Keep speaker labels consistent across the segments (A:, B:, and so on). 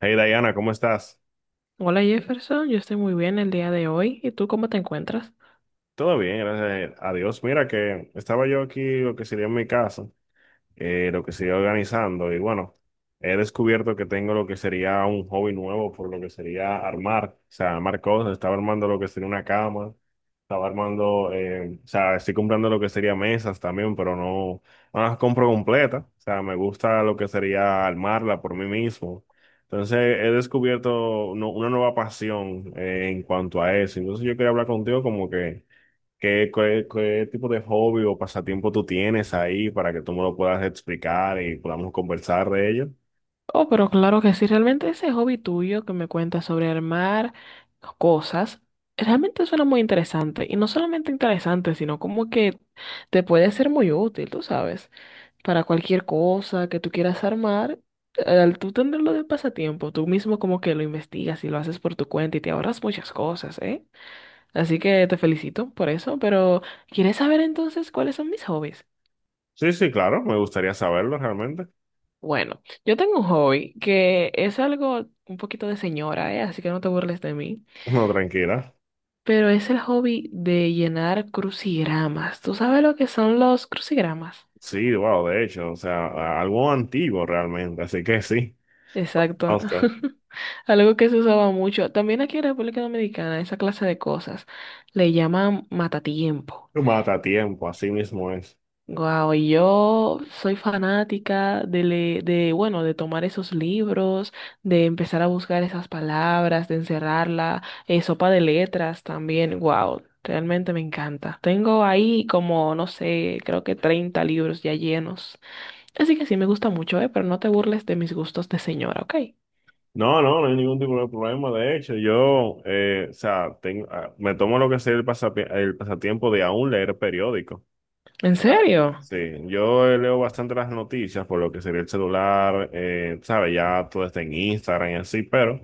A: Hey Diana, ¿cómo estás?
B: Hola Jefferson, yo estoy muy bien el día de hoy. ¿Y tú cómo te encuentras?
A: Todo bien, gracias a Dios. Mira que estaba yo aquí, lo que sería en mi casa, lo que se iba organizando. Y bueno, he descubierto que tengo lo que sería un hobby nuevo por lo que sería armar, o sea, armar cosas. Estaba armando lo que sería una cama, estaba armando, o sea, estoy comprando lo que sería mesas también, pero no las compro completas. O sea, me gusta lo que sería armarla por mí mismo. Entonces he descubierto una nueva pasión en cuanto a eso. Entonces yo quería hablar contigo como que ¿Qué tipo de hobby o pasatiempo tú tienes ahí para que tú me lo puedas explicar y podamos conversar de ello?
B: Oh, pero claro que sí, realmente ese hobby tuyo que me cuentas sobre armar cosas, realmente suena muy interesante. Y no solamente interesante, sino como que te puede ser muy útil, tú sabes, para cualquier cosa que tú quieras armar. Al tú tenerlo de pasatiempo, tú mismo como que lo investigas y lo haces por tu cuenta y te ahorras muchas cosas, ¿eh? Así que te felicito por eso, pero ¿quieres saber entonces cuáles son mis hobbies?
A: Sí, sí, claro, me gustaría saberlo realmente.
B: Bueno, yo tengo un hobby que es algo un poquito de señora, ¿eh? Así que no te burles de mí.
A: No, tranquila.
B: Pero es el hobby de llenar crucigramas. ¿Tú sabes lo que son los crucigramas?
A: Sí, wow, de hecho, o sea, algo antiguo realmente, así que sí,
B: Exacto.
A: Oscar.
B: Algo que se usaba mucho. También aquí en República Dominicana, esa clase de cosas le llaman matatiempo.
A: Tú mata tiempo, así mismo es.
B: Wow, y yo soy fanática de, de tomar esos libros, de empezar a buscar esas palabras, de encerrarla, sopa de letras también, wow, realmente me encanta. Tengo ahí como, no sé, creo que 30 libros ya llenos. Así que sí, me gusta mucho, pero no te burles de mis gustos de señora, ¿ok?
A: No, no, no hay ningún tipo de problema. De hecho, yo, o sea, tengo, ah, me tomo lo que sea el, el pasatiempo de aún leer periódicos.
B: ¿En
A: Ah,
B: serio?
A: sí, yo leo bastante las noticias por lo que sería el celular, sabes, ya todo está en Instagram y así, pero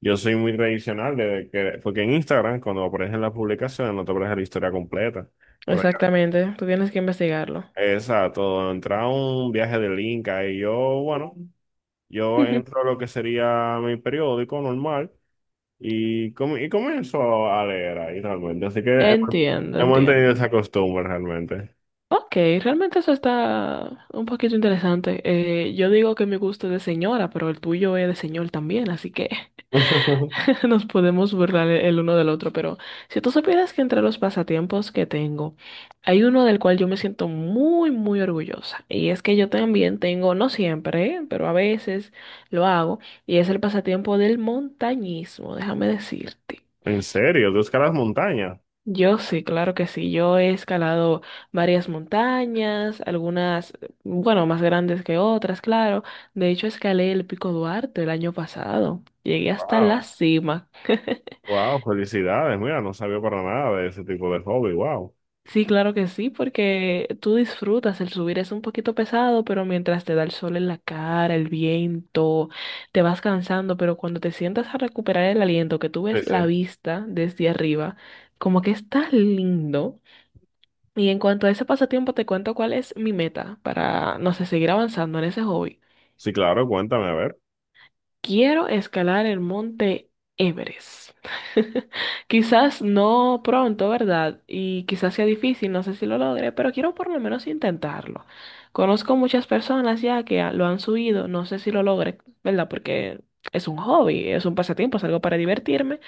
A: yo soy muy tradicional de que, porque en Instagram cuando aparecen las publicaciones no te aparece la historia completa. Por acá.
B: Exactamente, tú tienes que investigarlo.
A: Exacto, entra un viaje de link y yo, bueno, yo entro a lo que sería mi periódico normal y, y comienzo a leer ahí realmente, así que hemos
B: Entiendo,
A: hemos tenido
B: entiendo.
A: esa costumbre realmente.
B: Ok, realmente eso está un poquito interesante. Yo digo que mi gusto es de señora, pero el tuyo es de señor también, así que nos podemos burlar el uno del otro. Pero si tú supieras que entre los pasatiempos que tengo, hay uno del cual yo me siento muy, muy orgullosa. Y es que yo también tengo, no siempre, ¿eh? Pero a veces lo hago, y es el pasatiempo del montañismo, déjame decirte.
A: ¿En serio? ¿Tú escalas montañas?
B: Yo sí, claro que sí. Yo he escalado varias montañas, algunas, bueno, más grandes que otras, claro. De hecho, escalé el Pico Duarte el año pasado. Llegué hasta la
A: Wow,
B: cima.
A: wow, felicidades. Mira, no sabía para nada de ese tipo de hobby. Wow.
B: Sí, claro que sí, porque tú disfrutas el subir. Es un poquito pesado, pero mientras te da el sol en la cara, el viento, te vas cansando, pero cuando te sientas a recuperar el aliento, que tú
A: Sí,
B: ves la
A: sí.
B: vista desde arriba, como que está lindo. Y en cuanto a ese pasatiempo, te cuento cuál es mi meta para, no sé, seguir avanzando en ese hobby.
A: Sí, claro, cuéntame, a ver.
B: Quiero escalar el monte Everest. Quizás no pronto, ¿verdad? Y quizás sea difícil, no sé si lo logre, pero quiero por lo menos intentarlo. Conozco muchas personas ya lo han subido, no sé si lo logre, ¿verdad? Porque es un hobby, es un pasatiempo, es algo para divertirme,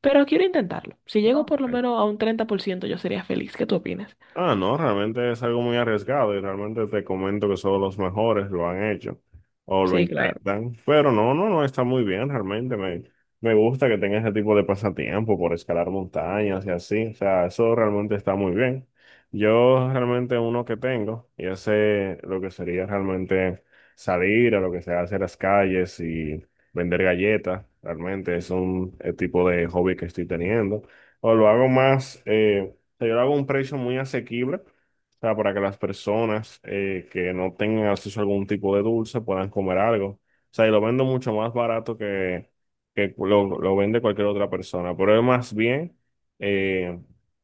B: pero quiero intentarlo. Si
A: Ah,
B: llego por lo
A: ok.
B: menos a un 30% yo sería feliz. ¿Qué tú opinas?
A: Ah, no, realmente es algo muy arriesgado y realmente te comento que solo los mejores lo han hecho o lo
B: Sí, claro.
A: intentan, pero no está muy bien realmente. Me gusta que tenga ese tipo de pasatiempo por escalar montañas y así, o sea, eso realmente está muy bien. Yo realmente uno que tengo y ese lo que sería realmente salir a lo que se hace en las calles y vender galletas, realmente es un tipo de hobby que estoy teniendo o lo hago más. O sea, yo lo hago a un precio muy asequible, o sea, para que las personas que no tengan acceso a algún tipo de dulce puedan comer algo. O sea, y lo vendo mucho más barato que, lo vende cualquier otra persona. Pero es más bien eh,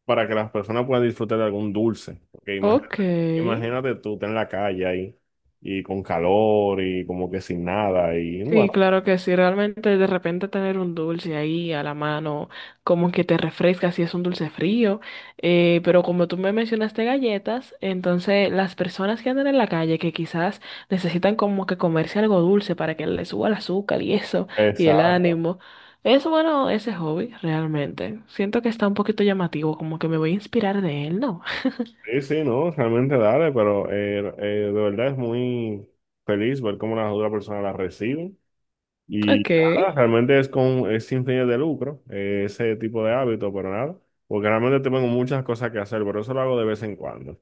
A: para que las personas puedan disfrutar de algún dulce. Porque imagínate,
B: Ok.
A: imagínate tú, estás en la calle ahí, y con calor, y como que sin nada, y
B: Sí,
A: bueno,
B: claro que sí. Realmente de repente tener un dulce ahí a la mano, como que te refresca si es un dulce frío. Pero como tú me mencionaste galletas, entonces las personas que andan en la calle que quizás necesitan como que comerse algo dulce para que les suba el azúcar y eso, y el
A: exacto.
B: ánimo. Es bueno ese hobby, realmente. Siento que está un poquito llamativo, como que me voy a inspirar de él, ¿no?
A: Sí, sí, no, realmente dale, pero de verdad es muy feliz ver cómo las otras personas las reciben. Y
B: Ok.
A: nada, realmente es sin fines de lucro, ese tipo de hábito, pero nada, porque realmente tengo muchas cosas que hacer, pero eso lo hago de vez en cuando.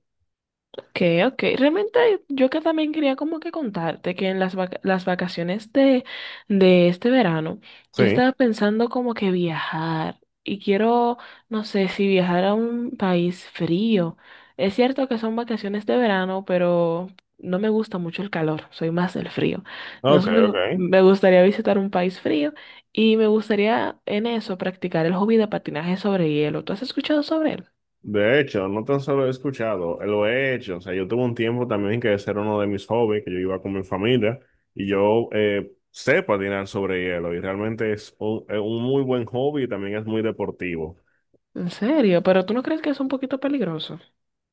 B: Okay, okay. Realmente yo que también quería como que contarte que en las vacaciones de este verano
A: Sí,
B: yo estaba pensando como que viajar y quiero, no sé, si viajar a un país frío. Es cierto que son vacaciones de verano, pero no me gusta mucho el calor, soy más del frío.
A: ok,
B: Entonces
A: ok.
B: me gustaría visitar un país frío y me gustaría en eso practicar el hobby de patinaje sobre hielo. ¿Tú has escuchado sobre él?
A: De hecho, no tan solo he escuchado, lo he hecho. O sea, yo tuve un tiempo también que ese era uno de mis hobbies, que yo iba con mi familia y yo sé patinar sobre hielo y realmente es un muy buen hobby y también es muy deportivo.
B: ¿En serio? ¿Pero tú no crees que es un poquito peligroso?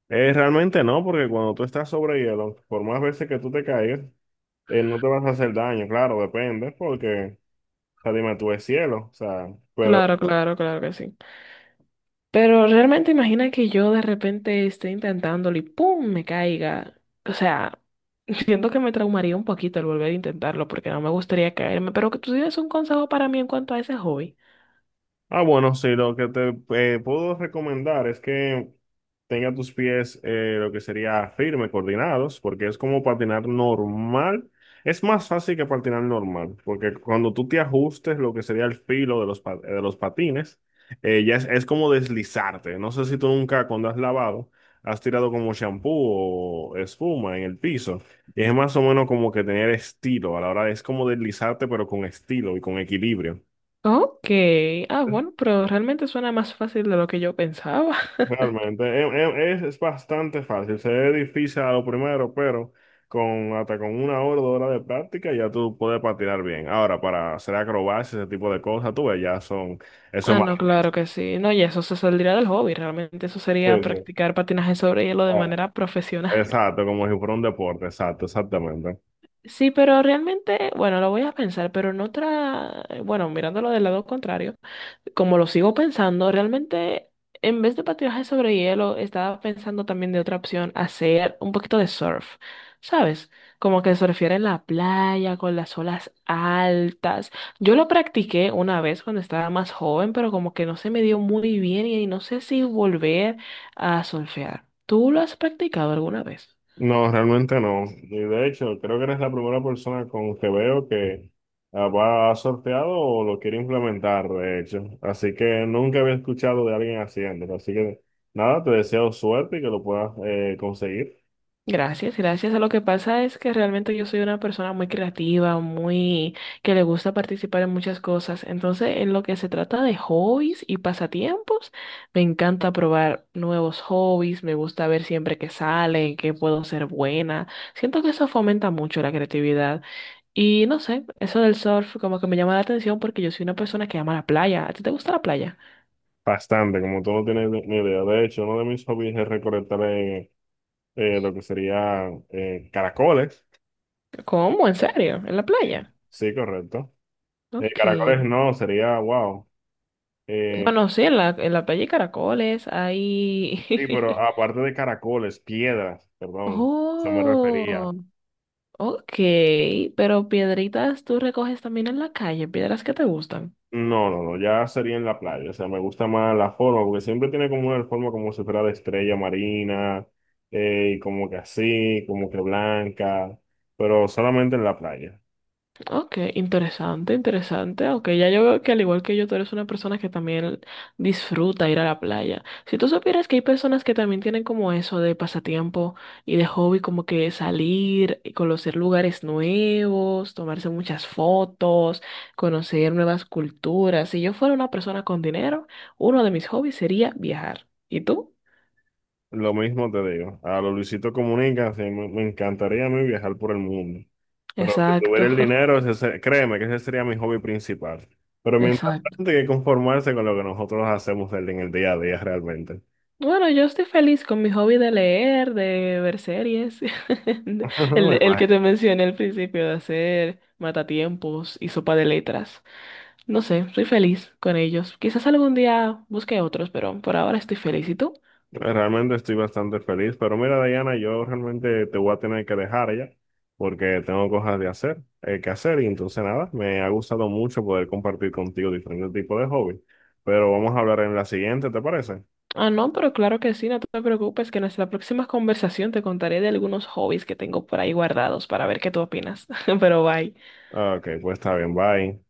A: Realmente no, porque cuando tú estás sobre hielo, por más veces que tú te caigas, no te vas a hacer daño, claro, depende, porque, o sea, dime, tú es cielo, o sea, pero
B: Claro, claro, claro que sí. Pero realmente imagina que yo de repente esté intentándolo y ¡pum! Me caiga. O sea, siento que me traumaría un poquito el volver a intentarlo porque no me gustaría caerme. Pero que tú tienes un consejo para mí en cuanto a ese hobby.
A: ah, bueno, sí, lo que te puedo recomendar es que tenga tus pies lo que sería firme, coordinados, porque es como patinar normal. Es más fácil que patinar normal, porque cuando tú te ajustes lo que sería el filo de los, de los patines, ya es como deslizarte. No sé si tú nunca cuando has lavado has tirado como champú o espuma en el piso. Y es más o menos como que tener estilo a la hora de, es como deslizarte, pero con estilo y con equilibrio.
B: Ok. Ah, bueno, pero realmente suena más fácil de lo que yo pensaba.
A: Realmente, es bastante fácil, se ve difícil a lo primero, pero con hasta con una hora, dos horas de práctica ya tú puedes patinar bien. Ahora, para hacer acrobacias, ese tipo de cosas, tú ves, ya son, eso es
B: Ah,
A: más
B: no, claro que sí. No, y eso se saldría del hobby. Realmente eso sería
A: difícil.
B: practicar patinaje sobre hielo de
A: Ah,
B: manera profesional.
A: exacto, como si fuera un deporte, exacto, exactamente.
B: Sí, pero realmente, bueno, lo voy a pensar, pero en otra, bueno, mirándolo del lado contrario, como lo sigo pensando, realmente en vez de patinaje sobre hielo, estaba pensando también de otra opción, hacer un poquito de surf, ¿sabes? Como que surfear en la playa con las olas altas. Yo lo practiqué una vez cuando estaba más joven, pero como que no se me dio muy bien y no sé si volver a surfear. ¿Tú lo has practicado alguna vez?
A: No, realmente no. Y de hecho, creo que eres la primera persona con que veo que ah, va ha sorteado o lo quiere implementar, de hecho. Así que nunca había escuchado de alguien haciéndolo. Así que nada, te deseo suerte y que lo puedas conseguir
B: Gracias, gracias. Lo que pasa es que realmente yo soy una persona muy creativa, muy que le gusta participar en muchas cosas. Entonces, en lo que se trata de hobbies y pasatiempos, me encanta probar nuevos hobbies, me gusta ver siempre que salen, que puedo ser buena. Siento que eso fomenta mucho la creatividad. Y no sé, eso del surf como que me llama la atención porque yo soy una persona que ama la playa. ¿A ti te gusta la playa?
A: bastante, como tú no tienes ni idea. De hecho, uno de mis hobbies es recolectar lo que sería caracoles.
B: ¿Cómo? ¿En serio? ¿En la playa?
A: Sí, correcto. Caracoles
B: Ok.
A: no, sería wow. Eh,
B: Bueno, sí, en la playa hay caracoles,
A: sí, pero
B: hay...
A: aparte de caracoles, piedras, perdón. Eso me
B: Oh,
A: refería.
B: ok, pero piedritas tú recoges también en la calle, piedras que te gustan.
A: No, no, no, ya sería en la playa, o sea, me gusta más la forma, porque siempre tiene como una forma como si fuera de estrella marina, y como que así, como que blanca, pero solamente en la playa.
B: Ok, interesante, interesante. Ok, ya yo veo que al igual que yo, tú eres una persona que también disfruta ir a la playa. Si tú supieras que hay personas que también tienen como eso de pasatiempo y de hobby, como que salir y conocer lugares nuevos, tomarse muchas fotos, conocer nuevas culturas. Si yo fuera una persona con dinero, uno de mis hobbies sería viajar. ¿Y tú?
A: Lo mismo te digo, a los Luisito Comunica, sí, me encantaría a mí viajar por el mundo, pero si tuviera
B: Exacto,
A: el dinero, créeme que ese sería mi hobby principal, pero mientras
B: exacto.
A: tanto hay que conformarse con lo que nosotros hacemos en el día a día realmente.
B: Bueno, yo estoy feliz con mi hobby de leer, de ver series, de- el,
A: Me
B: el que te
A: imagino.
B: mencioné al principio, de hacer matatiempos y sopa de letras. No sé, estoy feliz con ellos. Quizás algún día busque otros, pero por ahora estoy feliz. ¿Y tú?
A: Realmente estoy bastante feliz, pero mira, Diana, yo realmente te voy a tener que dejar ya, porque tengo cosas de hacer, que hacer, y entonces nada, me ha gustado mucho poder compartir contigo diferentes tipos de hobbies, pero vamos a hablar en la siguiente, ¿te parece?
B: Ah, no, pero claro que sí, no te preocupes, que en nuestra próxima conversación te contaré de algunos hobbies que tengo por ahí guardados para ver qué tú opinas. Pero bye.
A: Ah, ok, pues está bien, bye.